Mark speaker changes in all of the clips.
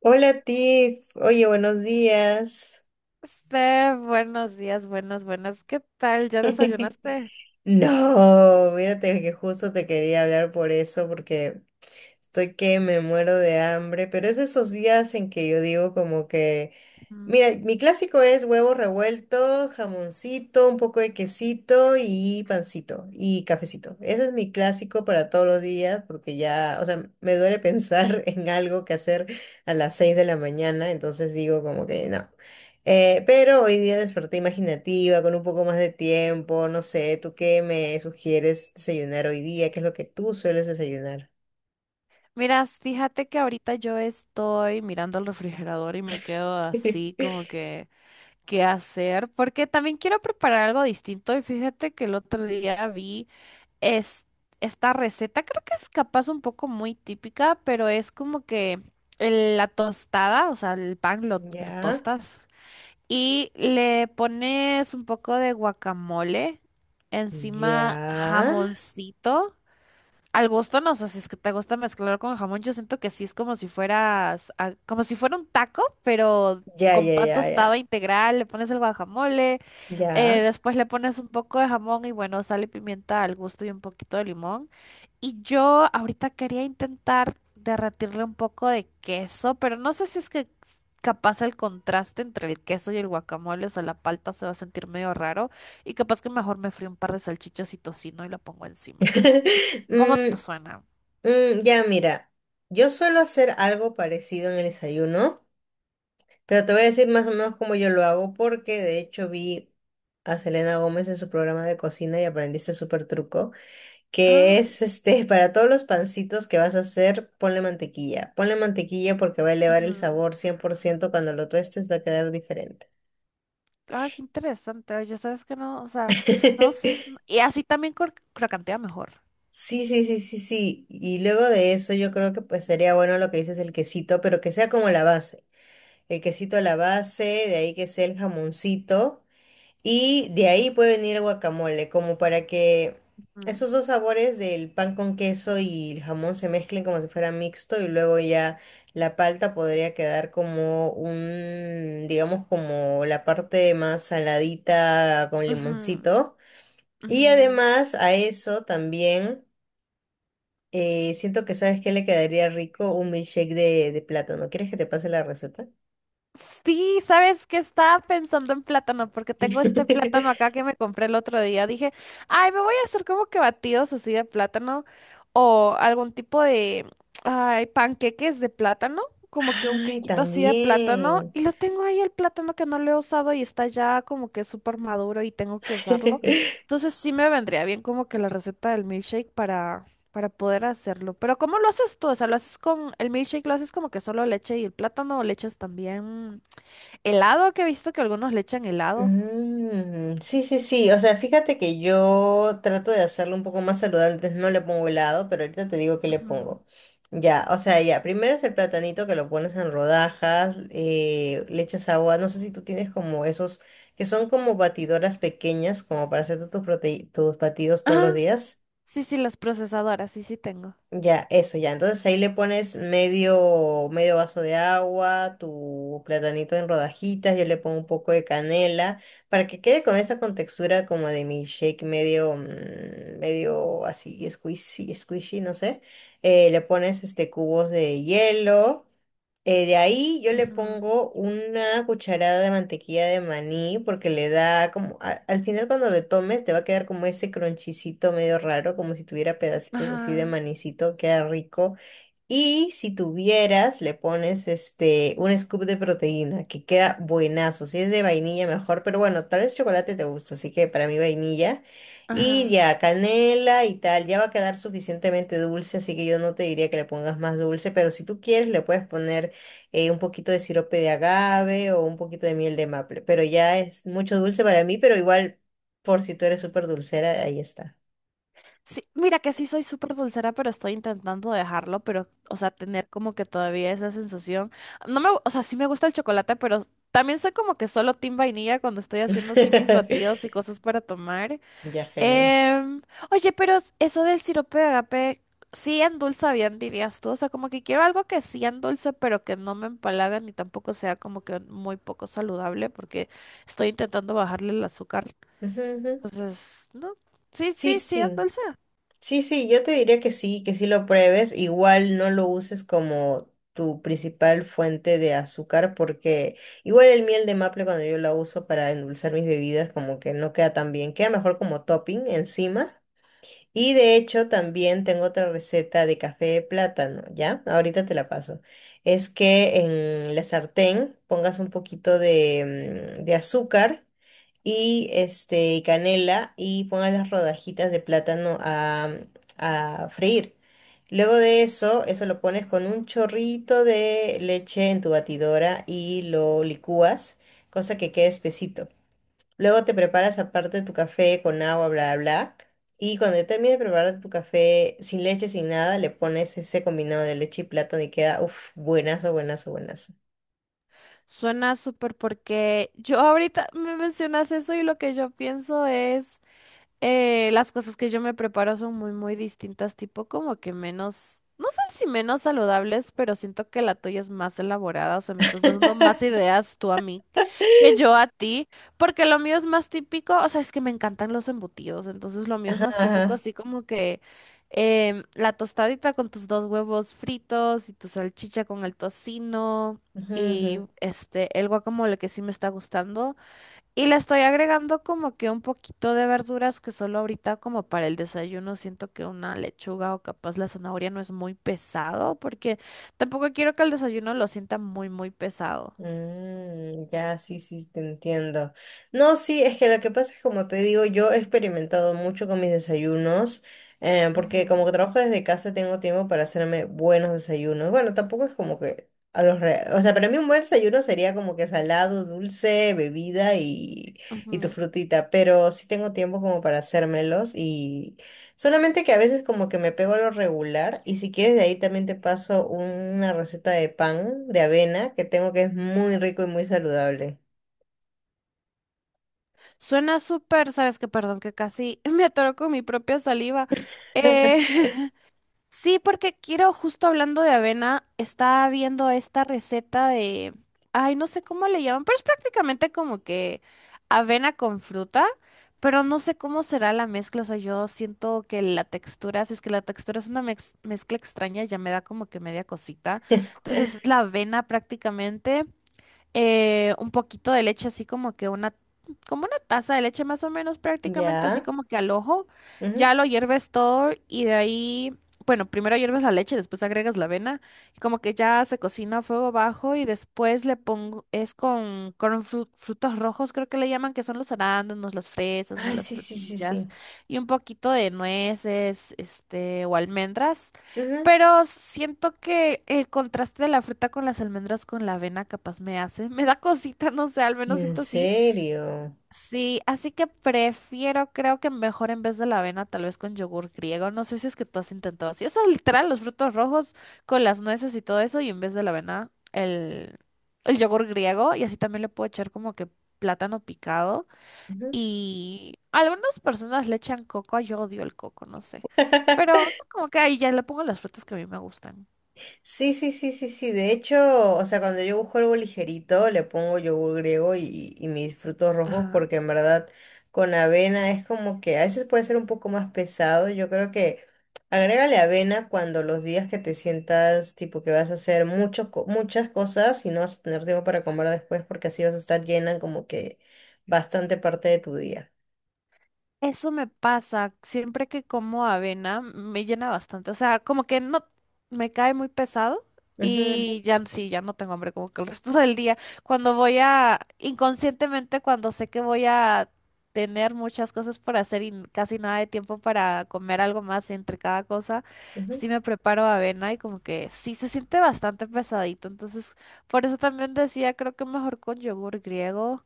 Speaker 1: Hola Tiff, oye, buenos días.
Speaker 2: Steph, buenos días, buenas, buenas. ¿Qué tal? ¿Ya desayunaste?
Speaker 1: No, mírate que justo te quería hablar por eso, porque estoy que me muero de hambre, pero es esos días en que yo digo como que,
Speaker 2: Mm.
Speaker 1: mira, mi clásico es huevo revuelto, jamoncito, un poco de quesito y pancito y cafecito. Ese es mi clásico para todos los días porque ya, o sea, me duele pensar en algo que hacer a las 6 de la mañana, entonces digo como que no. Pero hoy día desperté imaginativa, con un poco más de tiempo, no sé, ¿tú qué me sugieres desayunar hoy día? ¿Qué es lo que tú sueles desayunar?
Speaker 2: Miras, fíjate que ahorita yo estoy mirando el refrigerador y me quedo así como que, ¿qué hacer? Porque también quiero preparar algo distinto y fíjate que el otro día vi es, esta receta, creo que es capaz un poco muy típica, pero es como que la tostada, o sea, el pan lo
Speaker 1: Ya,
Speaker 2: tostas. Y le pones un poco de guacamole, encima
Speaker 1: ya,
Speaker 2: jamoncito. Al gusto no sé si es que te gusta mezclar con jamón. Yo siento que sí es como si fueras, como si fuera un taco, pero
Speaker 1: ya,
Speaker 2: con
Speaker 1: ya,
Speaker 2: pan
Speaker 1: ya,
Speaker 2: tostado
Speaker 1: ya,
Speaker 2: integral, le pones el guacamole,
Speaker 1: ya.
Speaker 2: después le pones un poco de jamón y bueno, sal y pimienta al gusto y un poquito de limón. Y yo ahorita quería intentar derretirle un poco de queso, pero no sé si es que capaz el contraste entre el queso y el guacamole, o sea, la palta se va a sentir medio raro y capaz que mejor me frío un par de salchichas y tocino y lo pongo encima. ¿Cómo te
Speaker 1: Mm,
Speaker 2: suena?
Speaker 1: mm, ya, mira, yo suelo hacer algo parecido en el desayuno, pero te voy a decir más o menos cómo yo lo hago, porque de hecho vi a Selena Gómez en su programa de cocina y aprendí este súper truco, que
Speaker 2: Ah,
Speaker 1: es este, para todos los pancitos que vas a hacer, ponle mantequilla. Ponle mantequilla porque va a elevar el
Speaker 2: ujú.
Speaker 1: sabor 100% cuando lo tuestes, va a quedar diferente.
Speaker 2: Ah, qué interesante. Oye, sabes que no, o sea, no, sí. Y así también crocantea mejor.
Speaker 1: Sí, sí, sí, sí, sí. Y luego de eso yo creo que pues sería bueno lo que dices, el quesito, pero que sea como la base. El quesito a la base, de ahí que sea el jamoncito y de ahí puede venir el guacamole, como para que
Speaker 2: Ujú,
Speaker 1: esos dos sabores del pan con queso y el jamón se mezclen como si fuera mixto y luego ya la palta podría quedar como un, digamos, como la parte más saladita con
Speaker 2: ujú,
Speaker 1: limoncito. Y
Speaker 2: ujú.
Speaker 1: además a eso también... Siento que sabes que le quedaría rico un milkshake de plátano. ¿Quieres que te pase la receta?
Speaker 2: Sí, ¿sabes qué? Estaba pensando en plátano, porque tengo este plátano acá que me compré el otro día. Dije, ay, me voy a hacer como que batidos así de plátano o algún tipo de, ay, panqueques de plátano, como que un
Speaker 1: Ay,
Speaker 2: quequito así de plátano.
Speaker 1: también.
Speaker 2: Y lo tengo ahí el plátano que no lo he usado y está ya como que súper maduro y tengo que usarlo. Entonces sí me vendría bien como que la receta del milkshake para poder hacerlo. Pero ¿cómo lo haces tú? O sea, ¿lo haces con el milkshake? ¿Lo haces como que solo leche y el plátano? ¿O le echas también helado? Que he visto que algunos le echan helado.
Speaker 1: Mm, sí, sí, sí. O sea, fíjate que yo trato de hacerlo un poco más saludable. Entonces no le pongo helado, pero ahorita te digo que le
Speaker 2: Ujú.
Speaker 1: pongo. Ya, o sea, ya. Primero es el platanito que lo pones en rodajas, le echas agua. No sé si tú tienes como esos que son como batidoras pequeñas, como para hacer tus batidos todos los
Speaker 2: Ajá.
Speaker 1: días.
Speaker 2: Sí, sí, las procesadoras, sí, sí tengo.
Speaker 1: Ya, eso ya. Entonces ahí le pones medio vaso de agua, tu platanito en rodajitas, yo le pongo un poco de canela para que quede con esa contextura como de mi shake medio, medio así squishy, squishy, no sé. Le pones este cubos de hielo. De ahí yo le
Speaker 2: Ujú.
Speaker 1: pongo una cucharada de mantequilla de maní porque le da como, al final cuando le tomes te va a quedar como ese cronchicito medio raro, como si tuviera pedacitos así de
Speaker 2: Ajá,
Speaker 1: manicito, queda rico. Y si tuvieras, le pones este, un scoop de proteína, que queda buenazo. Si es de vainilla, mejor, pero bueno, tal vez chocolate te gusta, así que para mí vainilla. Y
Speaker 2: ajá.
Speaker 1: ya, canela y tal, ya va a quedar suficientemente dulce, así que yo no te diría que le pongas más dulce, pero si tú quieres, le puedes poner un poquito de sirope de agave o un poquito de miel de maple, pero ya es mucho dulce para mí, pero igual, por si tú eres súper dulcera, ahí está.
Speaker 2: Sí, mira que sí soy súper dulcera, pero estoy intentando dejarlo, pero, o sea, tener como que todavía esa sensación. No me, o sea, sí me gusta el chocolate, pero también soy como que solo team vainilla cuando estoy haciendo así mis batidos y cosas para tomar.
Speaker 1: Ya, genial.
Speaker 2: Em, Oye, pero eso del sirope de agape sí endulza bien, dirías tú. O sea, como que quiero algo que sí endulce, pero que no me empalaga ni tampoco sea como que muy poco saludable, porque estoy intentando bajarle el azúcar.
Speaker 1: Ujú, ujú.
Speaker 2: Entonces, no. Sí,
Speaker 1: Sí,
Speaker 2: sí, sí,
Speaker 1: sí.
Speaker 2: endulza.
Speaker 1: Sí, sí, yo te diría que sí lo pruebes. Igual no lo uses como tu principal fuente de azúcar, porque igual el miel de maple cuando yo la uso para endulzar mis bebidas, como que no queda tan bien, queda mejor como topping encima. Y de hecho también tengo otra receta de café de plátano, ¿ya? Ahorita te la paso. Es que en la sartén pongas un poquito de, de azúcar y este y canela y pongas las rodajitas de plátano a freír. Luego de eso, eso lo pones con un chorrito de leche en tu batidora y lo licúas, cosa que quede espesito. Luego te preparas aparte tu café con agua, bla, bla, bla. Y cuando ya termines de preparar tu café sin leche, sin nada, le pones ese combinado de leche y plátano y queda, uff, buenazo, buenazo, buenazo.
Speaker 2: Suena súper porque yo ahorita me mencionas eso y lo que yo pienso es. Las cosas que yo me preparo son muy distintas, tipo como que menos, no sé si menos saludables, pero siento que la tuya es más elaborada, o sea, me estás dando más ideas tú a mí que yo a ti, porque lo mío es más típico, o sea, es que me encantan los embutidos, entonces lo mío es
Speaker 1: Ajá,
Speaker 2: más típico,
Speaker 1: ajá.
Speaker 2: así como que la tostadita con tus dos huevos fritos y tu salchicha con el tocino.
Speaker 1: Ujú, ujú.
Speaker 2: Y este, el guacamole que sí me está gustando. Y le estoy agregando como que un poquito de verduras que solo ahorita como para el desayuno siento que una lechuga o capaz la zanahoria no es muy pesado porque tampoco quiero que el desayuno lo sienta muy muy pesado.
Speaker 1: Mm, ya, sí, sí, te entiendo. No, sí, es que lo que pasa es, como te digo, yo he experimentado mucho con mis desayunos, porque
Speaker 2: Ujú,
Speaker 1: como que trabajo desde casa, tengo tiempo para hacerme buenos desayunos. Bueno, tampoco es como que a los re... O sea, para mí un buen desayuno sería como que salado, dulce, bebida y tu
Speaker 2: ujú.
Speaker 1: frutita, pero sí tengo tiempo como para hacérmelos. Solamente que a veces como que me pego a lo regular y si quieres de ahí también te paso una receta de pan de avena que tengo que es muy rico y muy saludable.
Speaker 2: Suena súper, sabes que perdón que casi me atoro con mi propia saliva. Eh, Sí, porque quiero, justo hablando de avena, estaba viendo esta receta de, ay, no sé cómo le llaman, pero es prácticamente como que avena con fruta, pero no sé cómo será la mezcla, o sea, yo siento que la textura, si es que la textura es una mezcla extraña, ya me da como que media cosita. Entonces es la avena prácticamente, un poquito de leche, así como que como una taza de leche más o menos, prácticamente así
Speaker 1: Ya.
Speaker 2: como que al ojo.
Speaker 1: Ujú.
Speaker 2: Ya lo hierves todo y de ahí, bueno, primero hierves la leche, después agregas la avena, y como que ya se cocina a fuego bajo y después le pongo, es con frutos rojos, creo que le llaman, que son los arándanos, las fresas, no
Speaker 1: Ay,
Speaker 2: las
Speaker 1: sí, sí, sí,
Speaker 2: frutillas,
Speaker 1: sí.
Speaker 2: y un poquito de nueces, este, o almendras.
Speaker 1: Ujú.
Speaker 2: Pero siento que el contraste de la fruta con las almendras con la avena capaz me hace, me da cosita, no sé, al menos
Speaker 1: ¿En
Speaker 2: siento así.
Speaker 1: serio?
Speaker 2: Sí, así que prefiero, creo que mejor en vez de la avena, tal vez con yogur griego. No sé si es que tú has intentado así. O sea, literal, los frutos rojos con las nueces y todo eso, y en vez de la avena, el yogur griego. Y así también le puedo echar como que plátano picado.
Speaker 1: Ujú.
Speaker 2: Y algunas personas le echan coco, yo odio el coco, no sé. Pero como que ahí ya le pongo las frutas que a mí me gustan.
Speaker 1: Sí, sí, sí, sí, sí. De hecho, o sea, cuando yo busco algo ligerito, le pongo yogur griego y mis frutos rojos,
Speaker 2: Ajá.
Speaker 1: porque en verdad con avena es como que a veces puede ser un poco más pesado. Yo creo que agrégale avena cuando los días que te sientas tipo que vas a hacer mucho, muchas cosas y no vas a tener tiempo para comer después, porque así vas a estar llena como que bastante parte de tu día.
Speaker 2: Eso me pasa. Siempre que como avena me llena bastante. O sea, como que no me cae muy pesado
Speaker 1: Ujú,
Speaker 2: y ya sí, ya no tengo hambre como que el resto del día. Cuando voy a, inconscientemente, cuando sé que voy a tener muchas cosas por hacer y casi nada de tiempo para comer algo más entre cada cosa,
Speaker 1: ujú, ujú.
Speaker 2: sí me preparo avena y como que sí se siente bastante pesadito. Entonces, por eso también decía, creo que mejor con yogur griego.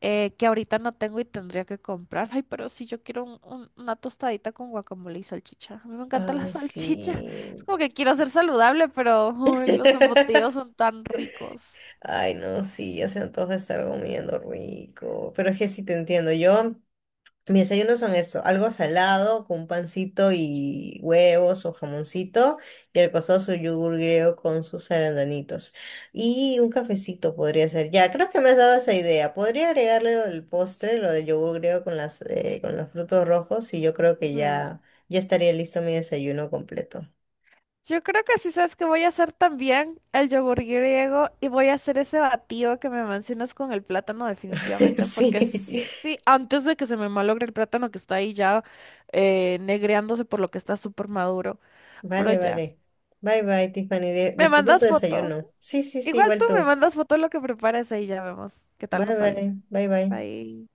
Speaker 2: Que ahorita no tengo y tendría que comprar. Ay, pero si yo quiero una tostadita con guacamole y salchicha. A mí me encanta la
Speaker 1: Ay,
Speaker 2: salchicha. Es
Speaker 1: sí.
Speaker 2: como que quiero ser saludable, pero uy, los embutidos son tan ricos.
Speaker 1: Ay, no, sí, ya se antoja estar comiendo rico. Pero es que sí te entiendo. Yo, mis desayunos son esto, algo salado con un pancito y huevos o jamoncito y el costoso yogur griego con sus arandanitos. Y un cafecito podría ser. Ya, creo que me has dado esa idea. Podría agregarle lo del postre, lo del yogur griego con las, con los frutos rojos y yo creo que
Speaker 2: Ujú.
Speaker 1: ya, ya estaría listo mi desayuno completo.
Speaker 2: Yo creo que sí sabes que voy a hacer también el yogur griego y voy a hacer ese batido que me mencionas con el plátano definitivamente
Speaker 1: Sí.
Speaker 2: porque sí, antes de que se me malogre el plátano que está ahí ya negreándose por lo que está súper maduro, pero
Speaker 1: Vale,
Speaker 2: ya,
Speaker 1: vale. Bye, bye, Tiffany.
Speaker 2: me
Speaker 1: Disfruta tu
Speaker 2: mandas foto.
Speaker 1: desayuno. Sí, sí, sí,
Speaker 2: Igual
Speaker 1: igual
Speaker 2: tú me
Speaker 1: tú.
Speaker 2: mandas foto de lo que preparas ahí ya vemos qué tal
Speaker 1: Vale,
Speaker 2: nos sale.
Speaker 1: vale. Bye, bye.
Speaker 2: Bye.